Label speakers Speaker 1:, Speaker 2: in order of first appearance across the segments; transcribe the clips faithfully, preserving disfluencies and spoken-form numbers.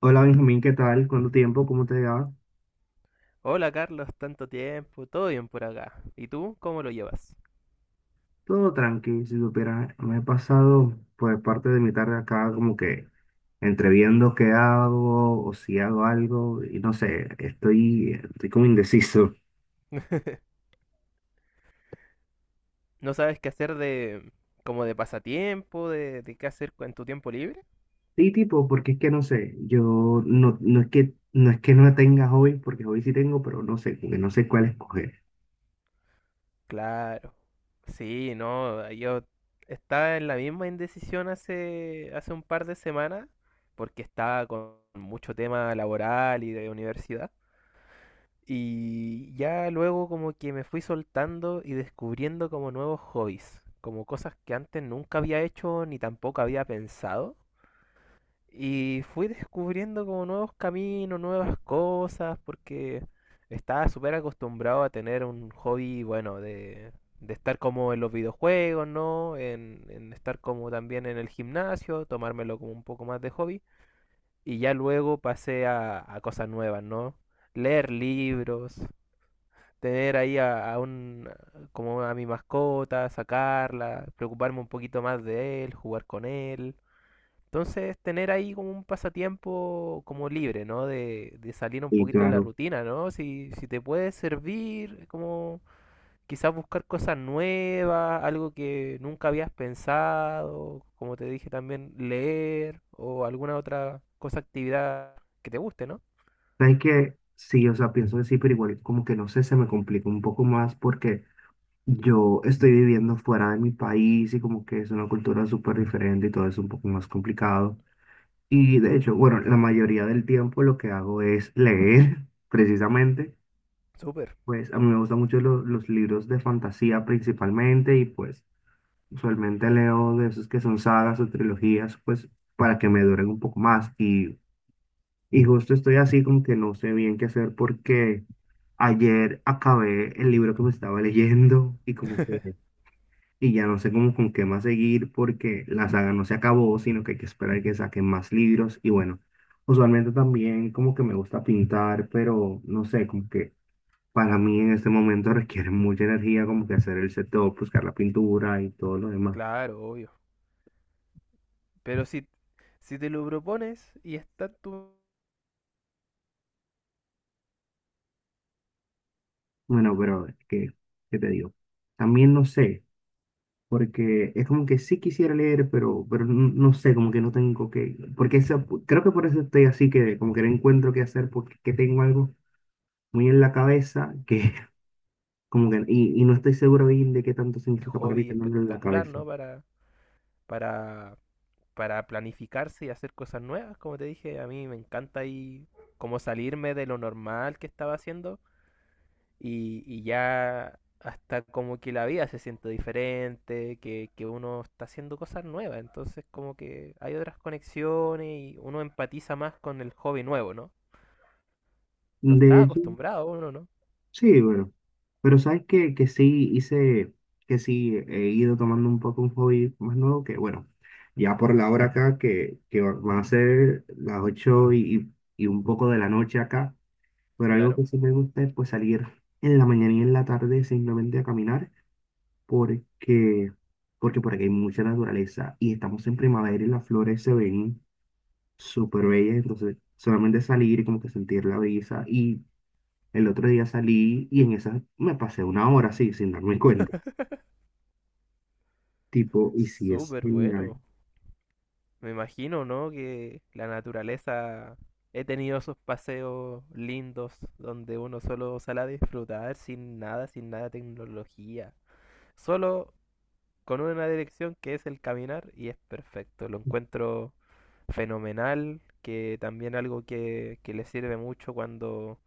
Speaker 1: Hola Benjamín, ¿qué tal? ¿Cuánto tiempo? ¿Cómo te va?
Speaker 2: Hola Carlos, tanto tiempo, todo bien por acá. ¿Y tú cómo lo llevas?
Speaker 1: Todo tranqui, si supieras, me he pasado pues parte de mi tarde acá como que entre viendo qué hago o si hago algo y no sé, estoy, estoy como indeciso.
Speaker 2: ¿No sabes qué hacer de como de pasatiempo, de, de qué hacer en tu tiempo libre?
Speaker 1: Sí, tipo, porque es que no sé, yo no, no es que no es que no tenga hobbies, porque hobbies sí tengo, pero no sé, como que no sé cuál escoger.
Speaker 2: Claro. Sí, no, ah, yo estaba en la misma indecisión hace hace un par de semanas porque estaba con mucho tema laboral y de universidad, y ya luego como que me fui soltando y descubriendo como nuevos hobbies, como cosas que antes nunca había hecho ni tampoco había pensado. Y fui descubriendo como nuevos caminos, nuevas cosas, porque estaba súper acostumbrado a tener un hobby, bueno, de, de estar como en los videojuegos, ¿no? En, en estar como también en el gimnasio, tomármelo como un poco más de hobby. Y ya luego pasé a, a cosas nuevas, ¿no? Leer libros, tener ahí a, a un, como a mi mascota, sacarla, preocuparme un poquito más de él, jugar con él. Entonces, tener ahí como un pasatiempo como libre, ¿no? De, de salir un
Speaker 1: Y
Speaker 2: poquito de la
Speaker 1: claro,
Speaker 2: rutina, ¿no? Si, si te puede servir, como quizás buscar cosas nuevas, algo que nunca habías pensado, como te dije también, leer o alguna otra cosa, actividad que te guste, ¿no?
Speaker 1: sabes que sí, o sea, pienso decir, pero igual como que no sé, se me complica un poco más porque yo estoy viviendo fuera de mi país y como que es una cultura súper diferente y todo es un poco más complicado. Y de hecho, bueno, la mayoría del tiempo lo que hago es leer, precisamente.
Speaker 2: Súper,
Speaker 1: Pues a mí me gustan mucho lo- los libros de fantasía principalmente y pues usualmente leo de esos que son sagas o trilogías, pues para que me duren un poco más. Y, y justo estoy así como que no sé bien qué hacer porque ayer acabé el libro que me estaba leyendo y como que... Y ya no sé cómo con qué más seguir porque la saga no se acabó, sino que hay que esperar que saquen más libros. Y bueno, usualmente también como que me gusta pintar, pero no sé, como que para mí en este momento requiere mucha energía como que hacer el setup, buscar la pintura y todo lo demás.
Speaker 2: claro, obvio. Pero si, si te lo propones y está tu
Speaker 1: Bueno, pero ¿qué, qué te digo? También no sé, porque es como que sí quisiera leer, pero, pero n- no sé, como que no tengo que, porque esa- creo que por eso estoy así que como que no encuentro qué hacer porque que tengo algo muy en la cabeza que como que, y, y no estoy seguro bien de qué tanto significa para mí
Speaker 2: hobby
Speaker 1: tenerlo en la
Speaker 2: espectacular,
Speaker 1: cabeza.
Speaker 2: ¿no? Para, para para planificarse y hacer cosas nuevas. Como te dije, a mí me encanta ahí como salirme de lo normal que estaba haciendo, y, y ya hasta como que la vida se siente diferente, que, que uno está haciendo cosas nuevas, entonces como que hay otras conexiones y uno empatiza más con el hobby nuevo, ¿no? No
Speaker 1: De
Speaker 2: está
Speaker 1: hecho,
Speaker 2: acostumbrado uno, ¿no?
Speaker 1: sí, bueno. Pero sabes que, que sí hice, que sí he ido tomando un poco un hobby más nuevo que, bueno, ya por la hora acá, que, que va- van a ser las ocho y, y un poco de la noche acá. Pero algo
Speaker 2: Claro.
Speaker 1: que sí me gusta es pues salir en la mañana y en la tarde simplemente a caminar, porque, porque por aquí hay mucha naturaleza y estamos en primavera y las flores se ven súper bella, entonces solamente salir y como que sentir la brisa y el otro día salí y en esa me pasé una hora así sin darme cuenta, tipo, y sí es
Speaker 2: Súper
Speaker 1: genial.
Speaker 2: bueno. Me imagino, ¿no? Que la naturaleza... He tenido esos paseos lindos donde uno solo sale a disfrutar sin nada, sin nada de tecnología. Solo con una dirección que es el caminar y es perfecto. Lo encuentro fenomenal, que también algo que, que le sirve mucho cuando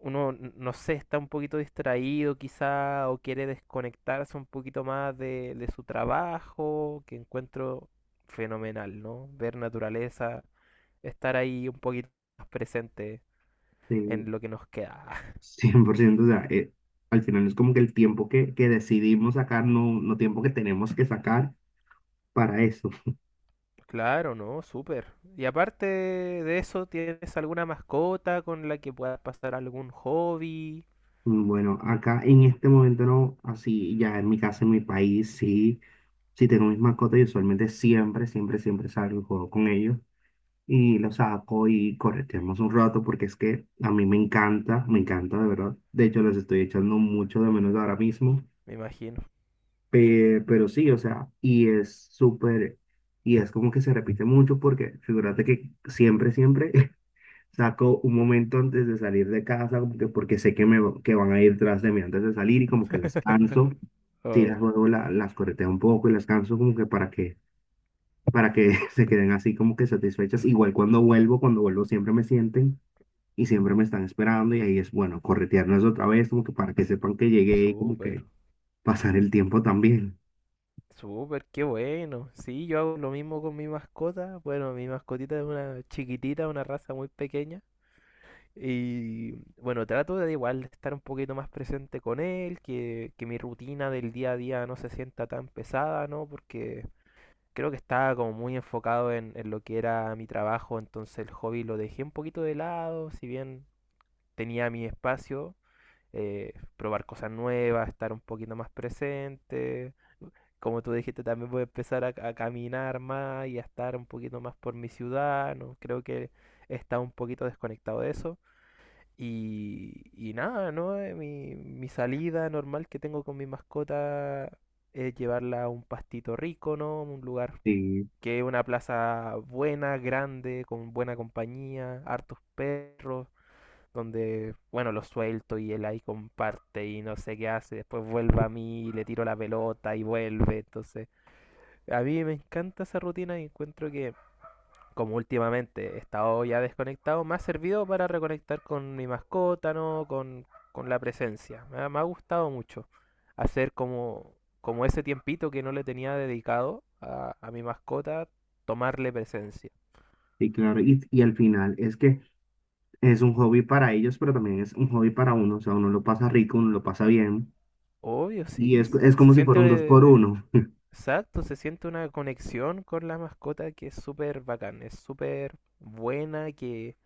Speaker 2: uno, n- no sé, está un poquito distraído quizá o quiere desconectarse un poquito más de, de su trabajo, que encuentro fenomenal, ¿no? Ver naturaleza, estar ahí un poquito más presente
Speaker 1: Sí,
Speaker 2: en lo que nos queda.
Speaker 1: cien por ciento, o sea, eh, al final es como que el tiempo que, que decidimos sacar, no, no tiempo que tenemos que sacar para eso.
Speaker 2: Claro, ¿no? Súper. Y aparte de eso, ¿tienes alguna mascota con la que puedas pasar algún hobby?
Speaker 1: Bueno, acá en este momento no, así ya en mi casa, en mi país, sí, sí tengo mis mascotas y usualmente siempre, siempre, siempre salgo y juego con ellos. Y lo saco y correteamos un rato porque es que a mí me encanta, me encanta de verdad. De hecho, les estoy echando mucho de menos ahora mismo,
Speaker 2: Me imagino.
Speaker 1: pe- pero, sí, o sea, y es súper, y es como que se repite mucho porque figúrate que siempre, siempre saco un momento antes de salir de casa como que porque sé que me va- que van a ir tras de mí antes de salir y como que las canso. Sí, las
Speaker 2: Oh,
Speaker 1: juego, la- las correteo un poco y las canso como que para que para que se queden así como que satisfechas. Igual cuando vuelvo, cuando vuelvo siempre me sienten y siempre me están esperando y ahí es bueno, corretearnos otra vez como que para que sepan que llegué y como
Speaker 2: súper.
Speaker 1: que pasar el tiempo también.
Speaker 2: Súper, qué bueno. Sí, yo hago lo mismo con mi mascota. Bueno, mi mascotita es una chiquitita, una raza muy pequeña. Y bueno, trato de igual de estar un poquito más presente con él, que, que mi rutina del día a día no se sienta tan pesada, ¿no? Porque creo que estaba como muy enfocado en, en lo que era mi trabajo, entonces el hobby lo dejé un poquito de lado, si bien tenía mi espacio, eh, probar cosas nuevas, estar un poquito más presente. Como tú dijiste, también voy a empezar a, a caminar más y a estar un poquito más por mi ciudad, ¿no? Creo que está un poquito desconectado de eso. Y, y nada, ¿no? Eh, Mi, mi salida normal que tengo con mi mascota es llevarla a un pastito rico, ¿no? Un lugar
Speaker 1: Sí,
Speaker 2: que es una plaza buena, grande, con buena compañía, hartos perros donde, bueno, lo suelto y él ahí comparte y no sé qué hace, después vuelve a mí y le tiro la pelota y vuelve, entonces a mí me encanta esa rutina y encuentro que, como últimamente he estado ya desconectado, me ha servido para reconectar con mi mascota, ¿no? Con, con la presencia, me ha, me ha gustado mucho hacer como, como ese tiempito que no le tenía dedicado a, a mi mascota, tomarle presencia.
Speaker 1: sí, claro. Y, y al final es que es un hobby para ellos, pero también es un hobby para uno. O sea, uno lo pasa rico, uno lo pasa bien
Speaker 2: Obvio,
Speaker 1: y
Speaker 2: sí,
Speaker 1: es,
Speaker 2: se
Speaker 1: es
Speaker 2: se
Speaker 1: como si fuera un dos por
Speaker 2: siente.
Speaker 1: uno.
Speaker 2: Exacto, se siente una conexión con la mascota que es súper bacán, es súper buena, que,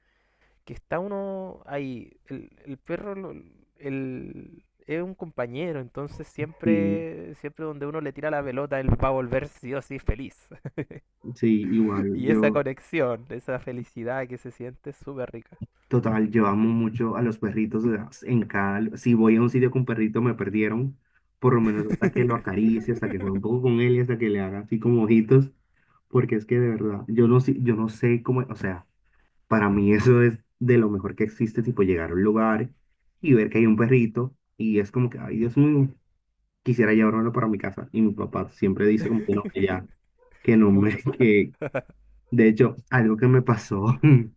Speaker 2: que está uno ahí. El, el perro lo- el- es un compañero, entonces
Speaker 1: Y
Speaker 2: siempre, siempre donde uno le tira la pelota, él va a volver sí o sí feliz.
Speaker 1: sí, igual
Speaker 2: Y esa
Speaker 1: yo.
Speaker 2: conexión, esa felicidad que se siente es súper rica.
Speaker 1: Total, yo amo mucho a los perritos, o sea. En cada, si voy a un sitio con perrito, me perdieron. Por lo menos hasta que lo acaricie, hasta que juegue un poco con él y hasta que le haga así como ojitos. Porque es que de verdad, yo no, sé- yo no sé cómo, o sea, para mí eso es de lo mejor que existe, tipo llegar a un lugar y ver que hay un perrito y es como que, ay, Dios mío, quisiera llevármelo para mi casa. Y mi papá siempre dice como que no, que ya, que no me,
Speaker 2: Muchos, ah,
Speaker 1: que de hecho, algo que me pasó.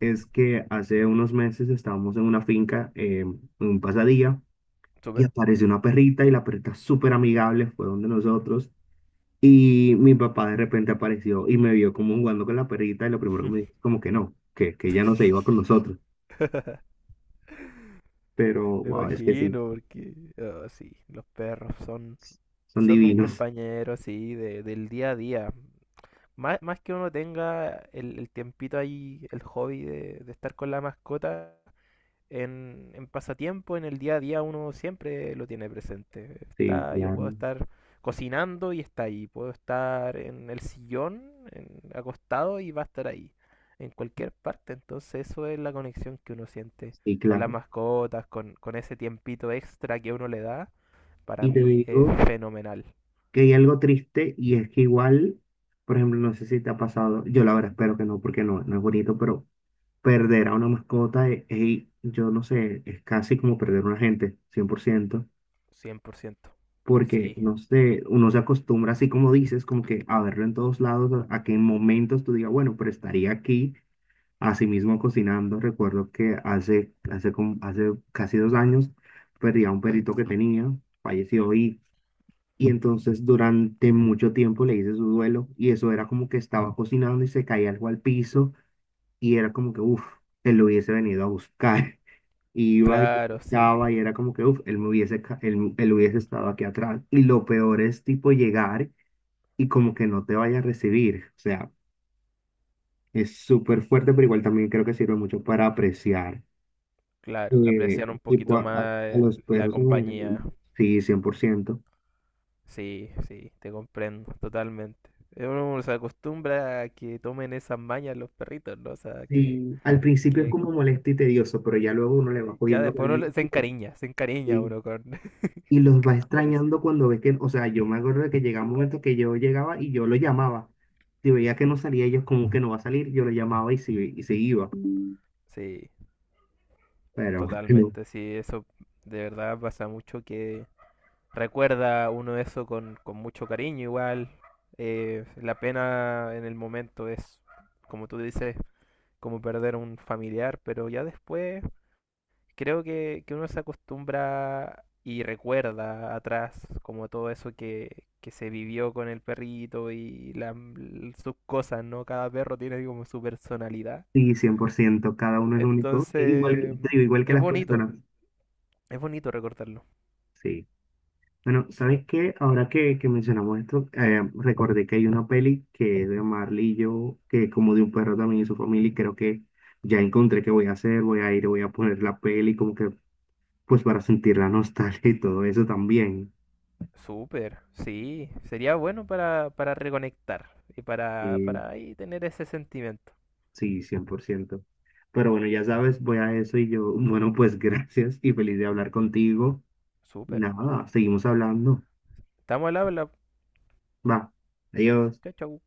Speaker 1: Es que hace unos meses estábamos en una finca, eh, en un pasadía, y
Speaker 2: súper.
Speaker 1: apareció una perrita y la perrita súper amigable, fue donde nosotros. Y mi papá de repente apareció y me vio como jugando con la perrita y lo primero que me dijo es como que no, que, que ella no se iba con nosotros. Pero,
Speaker 2: Me
Speaker 1: wow, es que sí,
Speaker 2: imagino, porque ah, sí, los perros son,
Speaker 1: son
Speaker 2: son un
Speaker 1: divinos.
Speaker 2: compañero así de, del día a día. Más, más que uno tenga el, el tiempito ahí, el hobby de, de estar con la mascota, en, en pasatiempo, en el día a día, uno siempre lo tiene presente.
Speaker 1: Sí,
Speaker 2: Está, yo puedo
Speaker 1: claro.
Speaker 2: estar cocinando y está ahí. Puedo estar en el sillón, en- acostado y va a estar ahí. En cualquier parte. Entonces eso es la conexión que uno siente
Speaker 1: Sí,
Speaker 2: con las
Speaker 1: claro.
Speaker 2: mascotas, con, con ese tiempito extra que uno le da. Para
Speaker 1: Y te
Speaker 2: mí es
Speaker 1: digo
Speaker 2: fenomenal.
Speaker 1: que hay algo triste y es que igual, por ejemplo, no sé si te ha pasado, yo la verdad espero que no, porque no, no es bonito, pero perder a una mascota, eh, ey, yo no sé, es casi como perder a una gente, cien por ciento.
Speaker 2: Cien por ciento.
Speaker 1: Porque
Speaker 2: Sí,
Speaker 1: no sé, uno se acostumbra, así como dices, como que a verlo en todos lados, a a que en momentos tú digas, bueno, pero estaría aquí, así mismo cocinando. Recuerdo que hace, hace, como- hace casi dos años perdí a un perrito que tenía, falleció y, y entonces durante mucho tiempo le hice su duelo y eso era como que estaba cocinando y se caía algo al piso y era como que, uff, él lo hubiese venido a buscar. Iba y
Speaker 2: claro, sí.
Speaker 1: estaba y era como que, uff, él me
Speaker 2: Mm.
Speaker 1: hubiese, ca- él, él hubiese estado aquí atrás. Y lo peor es tipo llegar y como que no te vaya a recibir. O sea, es súper fuerte, pero igual también creo que sirve mucho para apreciar,
Speaker 2: Claro,
Speaker 1: eh,
Speaker 2: apreciar un
Speaker 1: tipo
Speaker 2: poquito
Speaker 1: a, a-
Speaker 2: más
Speaker 1: a los
Speaker 2: el- la
Speaker 1: perros en general.
Speaker 2: compañía.
Speaker 1: Sí, cien por ciento.
Speaker 2: Sí, sí, te comprendo totalmente. Eh, Uno se acostumbra a que tomen esas mañas los perritos, ¿no? O sea, que,
Speaker 1: Sí, al principio es
Speaker 2: que
Speaker 1: como molesto y tedioso, pero ya luego uno le va
Speaker 2: eh, ya
Speaker 1: cogiendo
Speaker 2: después uno le-
Speaker 1: cariño.
Speaker 2: se encariña, se encariña uno con,
Speaker 1: Y los va
Speaker 2: con eso.
Speaker 1: extrañando cuando ve que, o sea, yo me acuerdo de que llegaba un momento que yo llegaba y yo lo llamaba. Si veía que no salía, ellos como que no va a salir, yo lo llamaba y se, y se iba.
Speaker 2: Sí,
Speaker 1: Pero no,
Speaker 2: totalmente, sí, eso de verdad pasa mucho que recuerda uno eso con, con mucho cariño igual. Eh, la pena en el momento es, como tú dices, como perder un familiar, pero ya después creo que, que uno se acostumbra y recuerda atrás como todo eso que, que se vivió con el perrito y la- l- sus cosas, ¿no? Cada perro tiene como su personalidad.
Speaker 1: sí, cien por ciento cada uno es único, igual, que-
Speaker 2: Entonces,
Speaker 1: te digo, igual que
Speaker 2: es
Speaker 1: las
Speaker 2: bonito,
Speaker 1: personas.
Speaker 2: es bonito recordarlo.
Speaker 1: Sí. Bueno, ¿sabes qué? Ahora que, que mencionamos esto, eh, recordé que hay una peli que es de Marley y yo, que es como de un perro también y su familia, y creo que ya encontré qué voy a hacer, voy a ir, voy a poner la peli, como que, pues para sentir la nostalgia y todo eso también.
Speaker 2: Súper, sí, sería bueno para, para reconectar y para,
Speaker 1: Sí,
Speaker 2: para ahí tener ese sentimiento.
Speaker 1: sí, cien por ciento. Pero bueno, ya sabes, voy a eso y yo, bueno, pues gracias y feliz de hablar contigo.
Speaker 2: Súper.
Speaker 1: Nada, seguimos hablando.
Speaker 2: Estamos al habla.
Speaker 1: Va, adiós.
Speaker 2: Chao, chao.